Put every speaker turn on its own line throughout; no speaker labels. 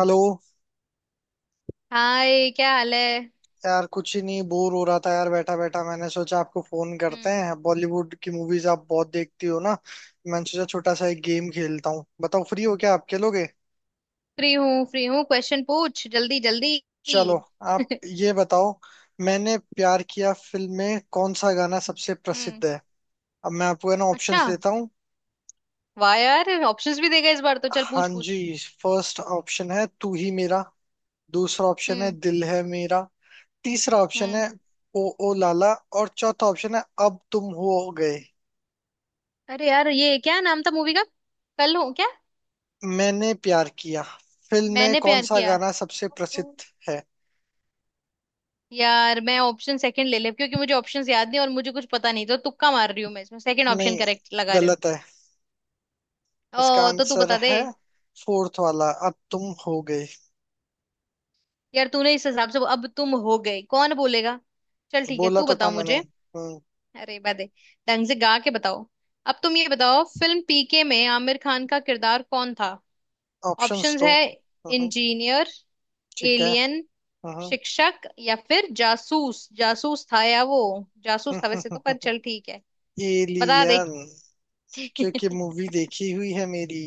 Hello.
Hi, क्या हाल है?
यार कुछ ही नहीं, बोर हो रहा था यार, बैठा बैठा मैंने सोचा आपको फोन करते
हम्म।
हैं। बॉलीवुड की मूवीज आप बहुत देखती हो ना, मैंने सोचा छोटा सा एक गेम खेलता हूँ। बताओ फ्री हो क्या, आप खेलोगे?
फ्री हूँ, फ्री हूँ। क्वेश्चन पूछ, जल्दी जल्दी।
चलो आप ये बताओ, मैंने प्यार किया फिल्म में कौन सा गाना सबसे
हम्म।
प्रसिद्ध है? अब मैं आपको है ना
अच्छा।
ऑप्शंस देता हूँ।
वाह यार, ऑप्शंस भी देगा इस बार तो। चल,
हाँ
पूछ
जी,
पूछ।
फर्स्ट ऑप्शन है तू ही मेरा। दूसरा ऑप्शन है
हम्म।
दिल है मेरा। तीसरा ऑप्शन
हम्म।
है ओ ओ लाला। और चौथा ऑप्शन है अब तुम हो गए।
अरे यार, ये क्या नाम था मूवी का? कल हूँ क्या?
मैंने प्यार किया फिल्म में
मैंने
कौन
प्यार
सा
किया।
गाना सबसे प्रसिद्ध
ओ।
है?
यार मैं ऑप्शन सेकंड ले ले, क्योंकि मुझे ऑप्शंस याद नहीं और मुझे कुछ पता नहीं, तो तुक्का मार रही हूँ मैं इसमें। सेकंड ऑप्शन
नहीं,
करेक्ट लगा रही हूँ।
गलत है।
ओ,
इसका
तो तू
आंसर
बता दे।
है फोर्थ वाला, अब तुम हो गई।
यार, तूने इस हिसाब से "अब तुम हो गई" कौन बोलेगा? चल ठीक है,
बोला
तू
तो था
बताओ
मैंने।
मुझे।
हम्म।
अरे बदे, ढंग से गा के बताओ। अब तुम ये बताओ, फिल्म पीके में आमिर खान का किरदार कौन था?
ऑप्शंस
ऑप्शंस
तो।
है।
हम्म।
इंजीनियर।
ठीक है।
एलियन।
हम्म।
शिक्षक, या फिर जासूस? जासूस था या वो? जासूस था वैसे तो,
हम्म,
पर चल ठीक है। बता दे।
एलियन। क्योंकि मूवी देखी हुई है मेरी।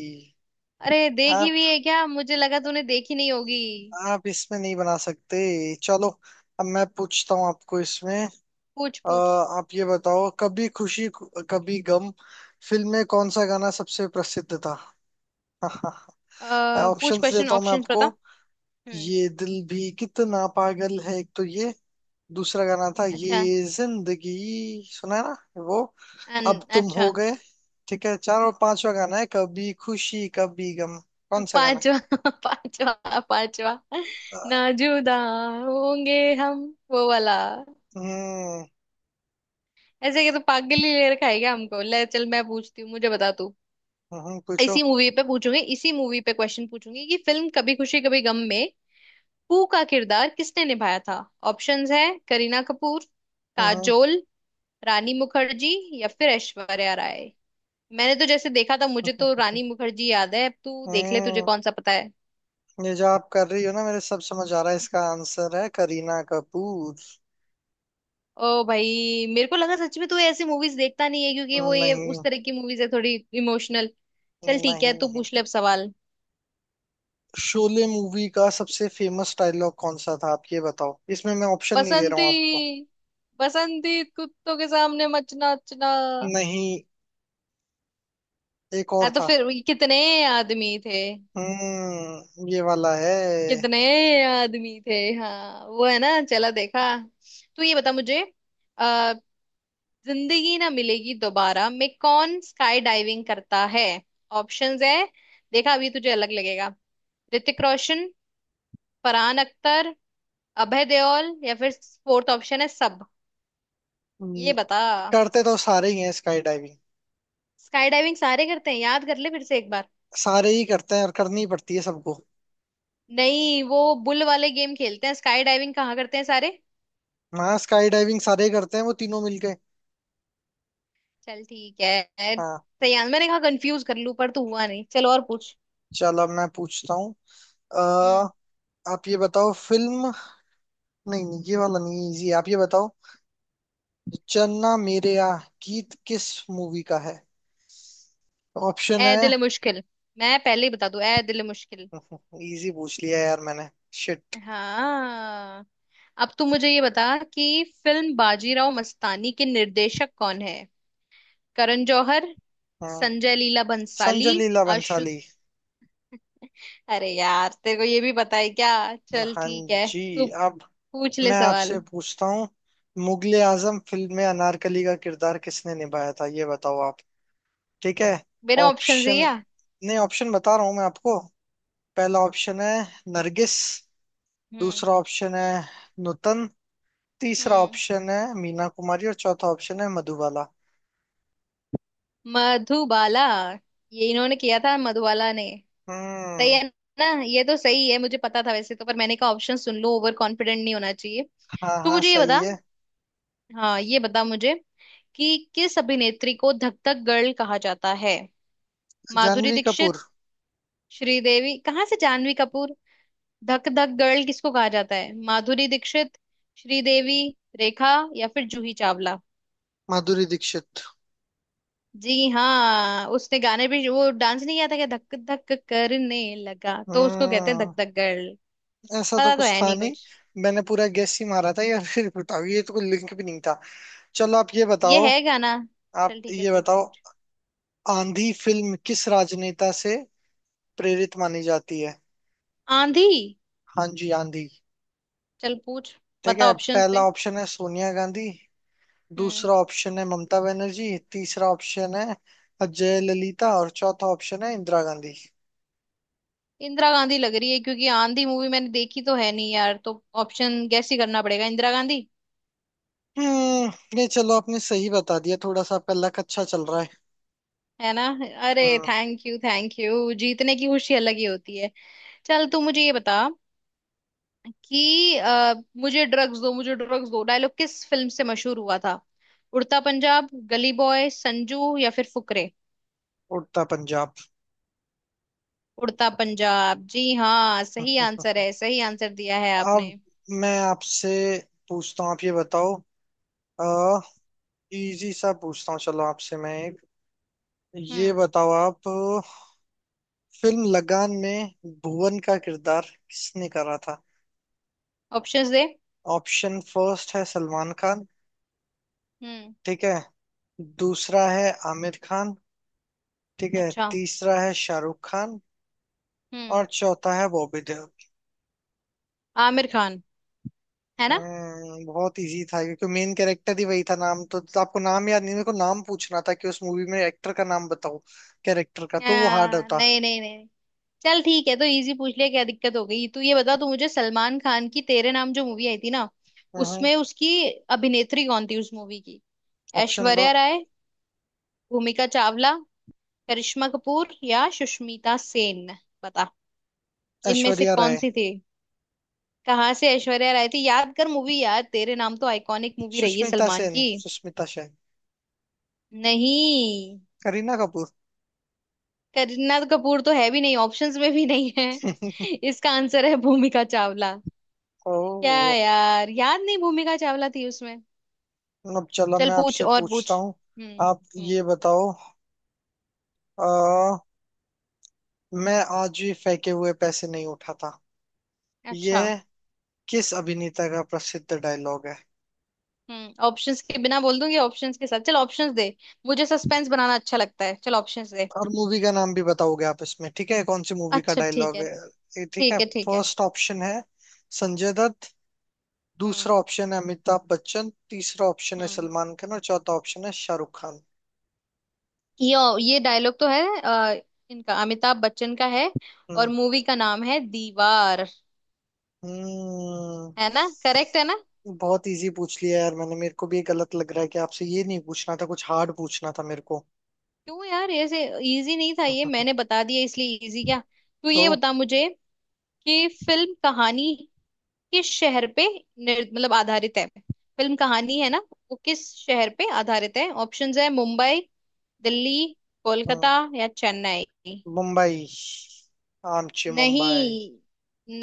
अरे, देखी
आप
हुई है क्या? मुझे लगा तूने देखी नहीं होगी।
आप इसमें नहीं बना सकते। चलो अब मैं पूछता हूँ आपको इसमें।
पूछ पूछ।
आप ये बताओ, कभी खुशी कभी गम फिल्म में कौन सा गाना सबसे प्रसिद्ध था?
अ, पूछ
ऑप्शंस
क्वेश्चन,
देता हूँ मैं
ऑप्शंस
आपको।
बता। हम्म।
ये दिल भी कितना पागल है एक तो ये। दूसरा गाना था
अच्छा।
ये जिंदगी। सुना है ना वो। अब तुम
अच्छा।
हो गए। ठीक है, चार और पांचवा गाना है कभी खुशी कभी गम। कौन सा गाना?
पांचवा पांचवा, पांचवा।
अ,
नाजुदा, होंगे हम। वो वाला।
हम्म।
ऐसे के तो पागल ही ले रखा है क्या हमको? ले चल, मैं पूछती हूँ, मुझे बता तू।
हम्म, पूछो।
इसी मूवी पे पूछूंगी, इसी मूवी पे क्वेश्चन पूछूंगी कि फिल्म कभी खुशी कभी गम में पू का किरदार किसने निभाया था? ऑप्शंस है। करीना कपूर।
हम्म। हम्म।
काजोल। रानी मुखर्जी। या फिर ऐश्वर्या राय। मैंने तो जैसे देखा था, मुझे
हम्म।
तो
हम्म।
रानी मुखर्जी याद है। अब तू देख ले, तुझे
हम्म।
कौन सा पता है।
ये जो आप कर रही हो ना, मेरे सब समझ आ रहा है। इसका आंसर है करीना कपूर।
ओ भाई, मेरे को लगा सच में तू ऐसी मूवीज देखता नहीं है, क्योंकि वो ये
नहीं,
उस तरह की मूवीज है थोड़ी इमोशनल। चल ठीक
नहीं
है, तू
नहीं।
पूछ ले अब सवाल।
शोले मूवी का सबसे फेमस डायलॉग कौन सा था? आप ये बताओ, इसमें मैं ऑप्शन नहीं दे रहा
बसंती।
हूँ आपको।
बसंती, कुत्तों के सामने मचना अच्छना।
नहीं, एक और
हाँ तो
था।
फिर ये कितने आदमी थे?
हम्म, ये वाला है।
कितने आदमी थे, हाँ वो है ना, चला देखा। तो ये बता मुझे। अ, जिंदगी ना मिलेगी दोबारा में कौन स्काई डाइविंग करता है? ऑप्शंस है। देखा, अभी तुझे अलग लगेगा। ऋतिक रोशन। फरहान अख्तर। अभय देओल, या फिर फोर्थ ऑप्शन है, सब। ये
हम्म।
बता।
करते तो सारे ही हैं स्काई डाइविंग।
स्काई डाइविंग सारे करते हैं? याद कर ले फिर से एक बार।
सारे ही करते हैं और करनी पड़ती है सबको।
नहीं, वो बुल वाले गेम खेलते हैं, स्काई डाइविंग कहाँ करते हैं सारे?
हाँ, स्काई डाइविंग सारे ही करते हैं, वो तीनों मिलके।
चल ठीक है।
हाँ।
तैयार, मैंने कहा कंफ्यूज कर लूं, पर तू हुआ नहीं। चलो और पूछ।
चलो अब मैं पूछता हूँ।
हम्म।
अह, आप ये बताओ फिल्म, नहीं नहीं ये वाला नहीं, इजी आप ये बताओ, चन्ना मेरेया गीत किस मूवी का है? Option
A
Hai.
दिल मुश्किल। मैं पहले ही बता दूं, ए दिल मुश्किल।
इजी पूछ लिया यार मैंने। शिट।
हाँ। अब तू मुझे ये बता कि फिल्म बाजीराव मस्तानी के निर्देशक कौन है? करण जौहर।
हाँ,
संजय लीला
संजय
भंसाली।
लीला
आशु।
बंसाली।
अरे यार, तेरे को ये भी पता है क्या? चल
हाँ
ठीक है।
जी।
तू
अब
पूछ ले
मैं आपसे
सवाल।
पूछता हूँ। मुगले आजम फिल्म में अनारकली का किरदार किसने निभाया था, ये बताओ आप। ठीक है,
बिना ऑप्शन से
ऑप्शन?
क्या?
नहीं, ऑप्शन बता रहा हूँ मैं आपको। पहला ऑप्शन है नरगिस।
हम्म।
दूसरा ऑप्शन है नुतन। तीसरा
हम्म।
ऑप्शन है मीना कुमारी, और चौथा ऑप्शन है मधुबाला।
मधुबाला। ये इन्होंने किया था, मधुबाला ने। सही
हम्म।
है। ना ये तो सही है, मुझे पता था वैसे तो, पर मैंने कहा ऑप्शन सुन लो, ओवर कॉन्फिडेंट नहीं होना चाहिए।
हाँ
तो
हाँ,
मुझे ये
सही
बता।
है।
हाँ ये बता मुझे, कि किस अभिनेत्री को धक धक गर्ल कहा जाता है? माधुरी
जानवी
दीक्षित।
कपूर।
श्रीदेवी कहाँ से जानवी कपूर? धक धक गर्ल किसको कहा जाता है? माधुरी दीक्षित, श्रीदेवी, रेखा या फिर जूही चावला।
माधुरी दीक्षित।
जी हाँ, उसने गाने भी, वो डांस नहीं किया था क्या? धक धक करने लगा, तो उसको कहते हैं धक
हम्म,
धक गर्ल।
ऐसा तो
पता तो
कुछ
है
था
नहीं
नहीं।
कुछ।
मैंने पूरा गैस ही मारा था यार, फिर बताओ, ये तो कोई लिंक भी नहीं था। चलो आप ये
ये
बताओ।
है गाना।
आप
चल ठीक है,
ये
पूछ
बताओ,
पूछ।
आंधी फिल्म किस राजनेता से प्रेरित मानी जाती है?
आंधी।
हाँ जी, आंधी।
चल पूछ।
ठीक
बता,
है,
ऑप्शंस
पहला
दे।
ऑप्शन है सोनिया गांधी।
हम्म।
दूसरा ऑप्शन है ममता बनर्जी। तीसरा ऑप्शन है अजय ललिता, और चौथा ऑप्शन है इंदिरा गांधी।
इंदिरा गांधी लग रही है, क्योंकि आंधी मूवी मैंने देखी तो है नहीं यार, तो ऑप्शन गैस ही करना पड़ेगा, इंदिरा गांधी।
हम्म। नहीं, चलो आपने सही बता दिया, थोड़ा सा आपका लक अच्छा चल रहा है।
है ना। अरे।
हम्म।
थैंक यू, थैंक यू, जीतने की खुशी अलग ही होती है। चल तू मुझे ये बता कि "मुझे ड्रग्स दो, मुझे ड्रग्स दो" डायलॉग किस फिल्म से मशहूर हुआ था? उड़ता पंजाब, गली बॉय, संजू या फिर फुकरे।
उड़ता पंजाब।
उड़ता पंजाब, जी हाँ, सही आंसर है, सही आंसर दिया है
अब
आपने।
मैं आपसे पूछता हूँ। आप ये बताओ। आ, इजी सा पूछता हूँ चलो आपसे मैं एक। ये
हम्म।
बताओ आप, फिल्म लगान में भुवन का किरदार किसने करा था?
ऑप्शंस दे।
ऑप्शन फर्स्ट है सलमान खान।
हम्म।
ठीक है, दूसरा है आमिर खान। ठीक है,
अच्छा।
तीसरा है शाहरुख खान,
हम्म।
और चौथा है बॉबी देओल।
आमिर खान। है ना?
बहुत इजी था क्योंकि मेन कैरेक्टर ही वही था। नाम तो, आपको नाम याद नहीं। मेरे को नाम पूछना था कि उस मूवी में एक्टर का नाम बताओ। कैरेक्टर का तो वो हार्ड होता।
नहीं नहीं नहीं। चल ठीक है, तो इजी पूछ लिया, क्या दिक्कत हो गई? तू ये बता तू मुझे, सलमान खान की तेरे नाम जो मूवी आई थी ना,
हम्म।
उसमें उसकी अभिनेत्री कौन थी उस मूवी की?
ऑप्शन दो।
ऐश्वर्या राय। भूमिका चावला। करिश्मा कपूर या सुष्मिता सेन। बता, इनमें से
ऐश्वर्या
कौन
राय।
सी थी? कहाँ से ऐश्वर्या राय थी? याद कर मूवी यार, तेरे नाम तो आइकॉनिक मूवी रही है
सुष्मिता
सलमान
सेन,
की।
सुष्मिता सेन।
नहीं।
करीना कपूर।
करीना कपूर तो है भी नहीं, ऑप्शंस में भी नहीं है। इसका आंसर है भूमिका चावला। क्या
ओ।
यार, याद नहीं, भूमिका चावला थी उसमें।
अब चलो
चल
मैं
पूछ
आपसे
और
पूछता
पूछ।
हूँ।
हम्म।
आप
हम्म।
ये बताओ। आ, मैं आज भी फेंके हुए पैसे नहीं उठाता,
अच्छा।
यह किस अभिनेता का प्रसिद्ध डायलॉग है?
हम्म। ऑप्शंस के बिना बोल दूंगी, ऑप्शंस के साथ चल, ऑप्शंस दे। मुझे सस्पेंस बनाना अच्छा लगता है, चल ऑप्शंस दे।
और मूवी का नाम भी बताओगे आप इसमें, ठीक है? कौन सी मूवी का
अच्छा ठीक
डायलॉग
है।
है? ये ठीक है।
ठीक है, ठीक है।
फर्स्ट ऑप्शन है संजय दत्त। दूसरा
हम्म।
ऑप्शन है अमिताभ बच्चन। तीसरा ऑप्शन है
हम्म।
सलमान खान, और चौथा ऑप्शन है शाहरुख खान।
ये ये डायलॉग तो है इनका, अमिताभ बच्चन का है। और
हम्म।
मूवी का नाम है दीवार।
हम्म,
है ना, करेक्ट है ना?
बहुत इजी पूछ लिया यार मैंने। मेरे को भी ये गलत लग रहा है कि आपसे ये नहीं पूछना था, कुछ हार्ड पूछना था मेरे को।
क्यों यार, ऐसे इजी नहीं था ये, मैंने बता दिया इसलिए इजी क्या? तू ये
तो।
बता मुझे कि फिल्म कहानी किस शहर पे मतलब आधारित है? फिल्म कहानी, है ना, वो किस शहर पे आधारित है? ऑप्शंस है। मुंबई, दिल्ली,
हम्म,
कोलकाता या चेन्नई।
मुंबई। आमची मुंबई।
नहीं,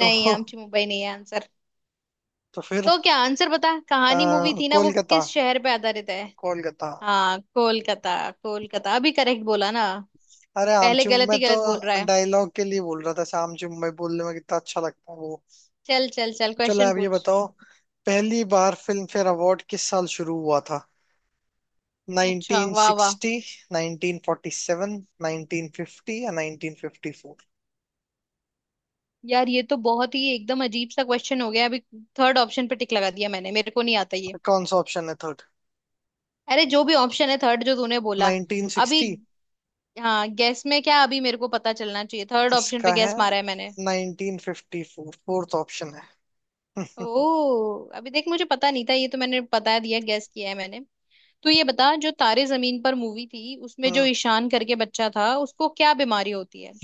तो।
आमची मुंबई नहीं है आंसर।
तो फिर,
तो क्या आंसर बता, कहानी मूवी
आ,
थी ना, वो
कोलकाता,
किस शहर पे आधारित है?
कोलकाता।
हाँ, कोलकाता। कोलकाता अभी करेक्ट बोला ना।
अरे
पहले
आमची
गलत
मैं
ही
तो
गलत बोल रहा है।
डायलॉग के लिए बोल रहा था। आमची मुंबई बोलने में कितना अच्छा लगता है वो।
चल चल चल,
चलो
क्वेश्चन
आप ये
पूछ।
बताओ, पहली बार फिल्म फेयर अवार्ड किस साल शुरू हुआ था?
अच्छा, वाह वाह।
1960, 1947, 1950 या 1954?
यार ये तो बहुत ही एकदम अजीब सा क्वेश्चन हो गया अभी। थर्ड ऑप्शन पे टिक लगा दिया मैंने, मेरे को नहीं आता ये।
कौन सा ऑप्शन है थर्ड?
अरे, जो भी ऑप्शन है थर्ड, जो तूने बोला। अभी।
1960?
हाँ गैस में क्या? अभी मेरे को पता चलना चाहिए, थर्ड ऑप्शन पे
इसका है
गैस मारा है मैंने।
1954, फोर्थ ऑप्शन है। हम्म।
ओ, अभी देख, मुझे पता नहीं था, ये तो मैंने बता दिया, गेस किया है मैंने। तो ये बता, जो तारे जमीन पर मूवी थी, उसमें जो
हम्म।
ईशान करके बच्चा था, उसको क्या बीमारी होती है?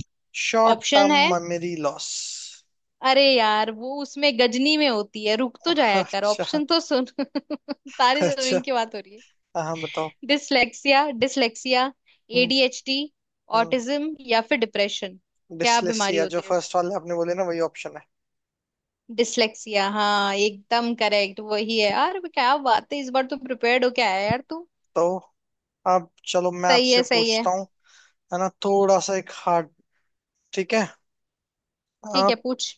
शॉर्ट
ऑप्शन
टर्म
है।
Memory loss.
अरे यार, वो उसमें गजनी में होती है। रुक तो जाया कर,
अच्छा।
ऑप्शन तो सुन। तारे
अच्छा,
जमीन की बात हो रही है।
हाँ हाँ, बताओ।
Dyslexia, dyslexia. ADHD.
Hmm.
Autism या फिर डिप्रेशन। क्या बीमारी
डिस्लेक्सिया, जो
होती है उसको?
फर्स्ट वाले आपने बोले ना वही ऑप्शन है।
डिसलेक्सिया, हाँ एकदम करेक्ट वही है। यार क्या बात है, इस बार तो प्रिपेयर्ड होके आया यार तू।
तो आप, चलो मैं
सही
आपसे
है, सही है।
पूछता हूँ, है ना थोड़ा सा एक हार्ड, ठीक है?
ठीक है,
आप
पूछ।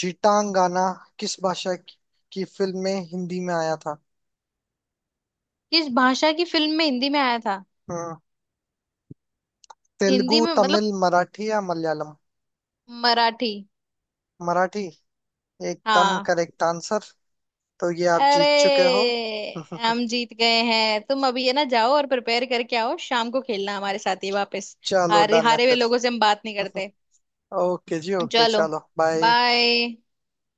जीटांगाना किस भाषा की फिल्म में हिंदी में आया था?
किस भाषा की फिल्म में हिंदी में आया था?
हम्म, तेलुगु,
हिंदी में मतलब?
तमिल, मराठी या मलयालम?
मराठी।
मराठी, एकदम
हाँ।
Correct answer. तो ये आप जीत
अरे,
चुके हो।
हम जीत गए हैं। तुम अभी, है ना, जाओ और प्रिपेयर करके आओ, शाम को खेलना हमारे साथ ही वापस।
चलो
हारे
डन है
हारे हुए
फिर।
लोगों से हम बात नहीं करते।
ओके जी, ओके
चलो,
चलो बाय।
बाय।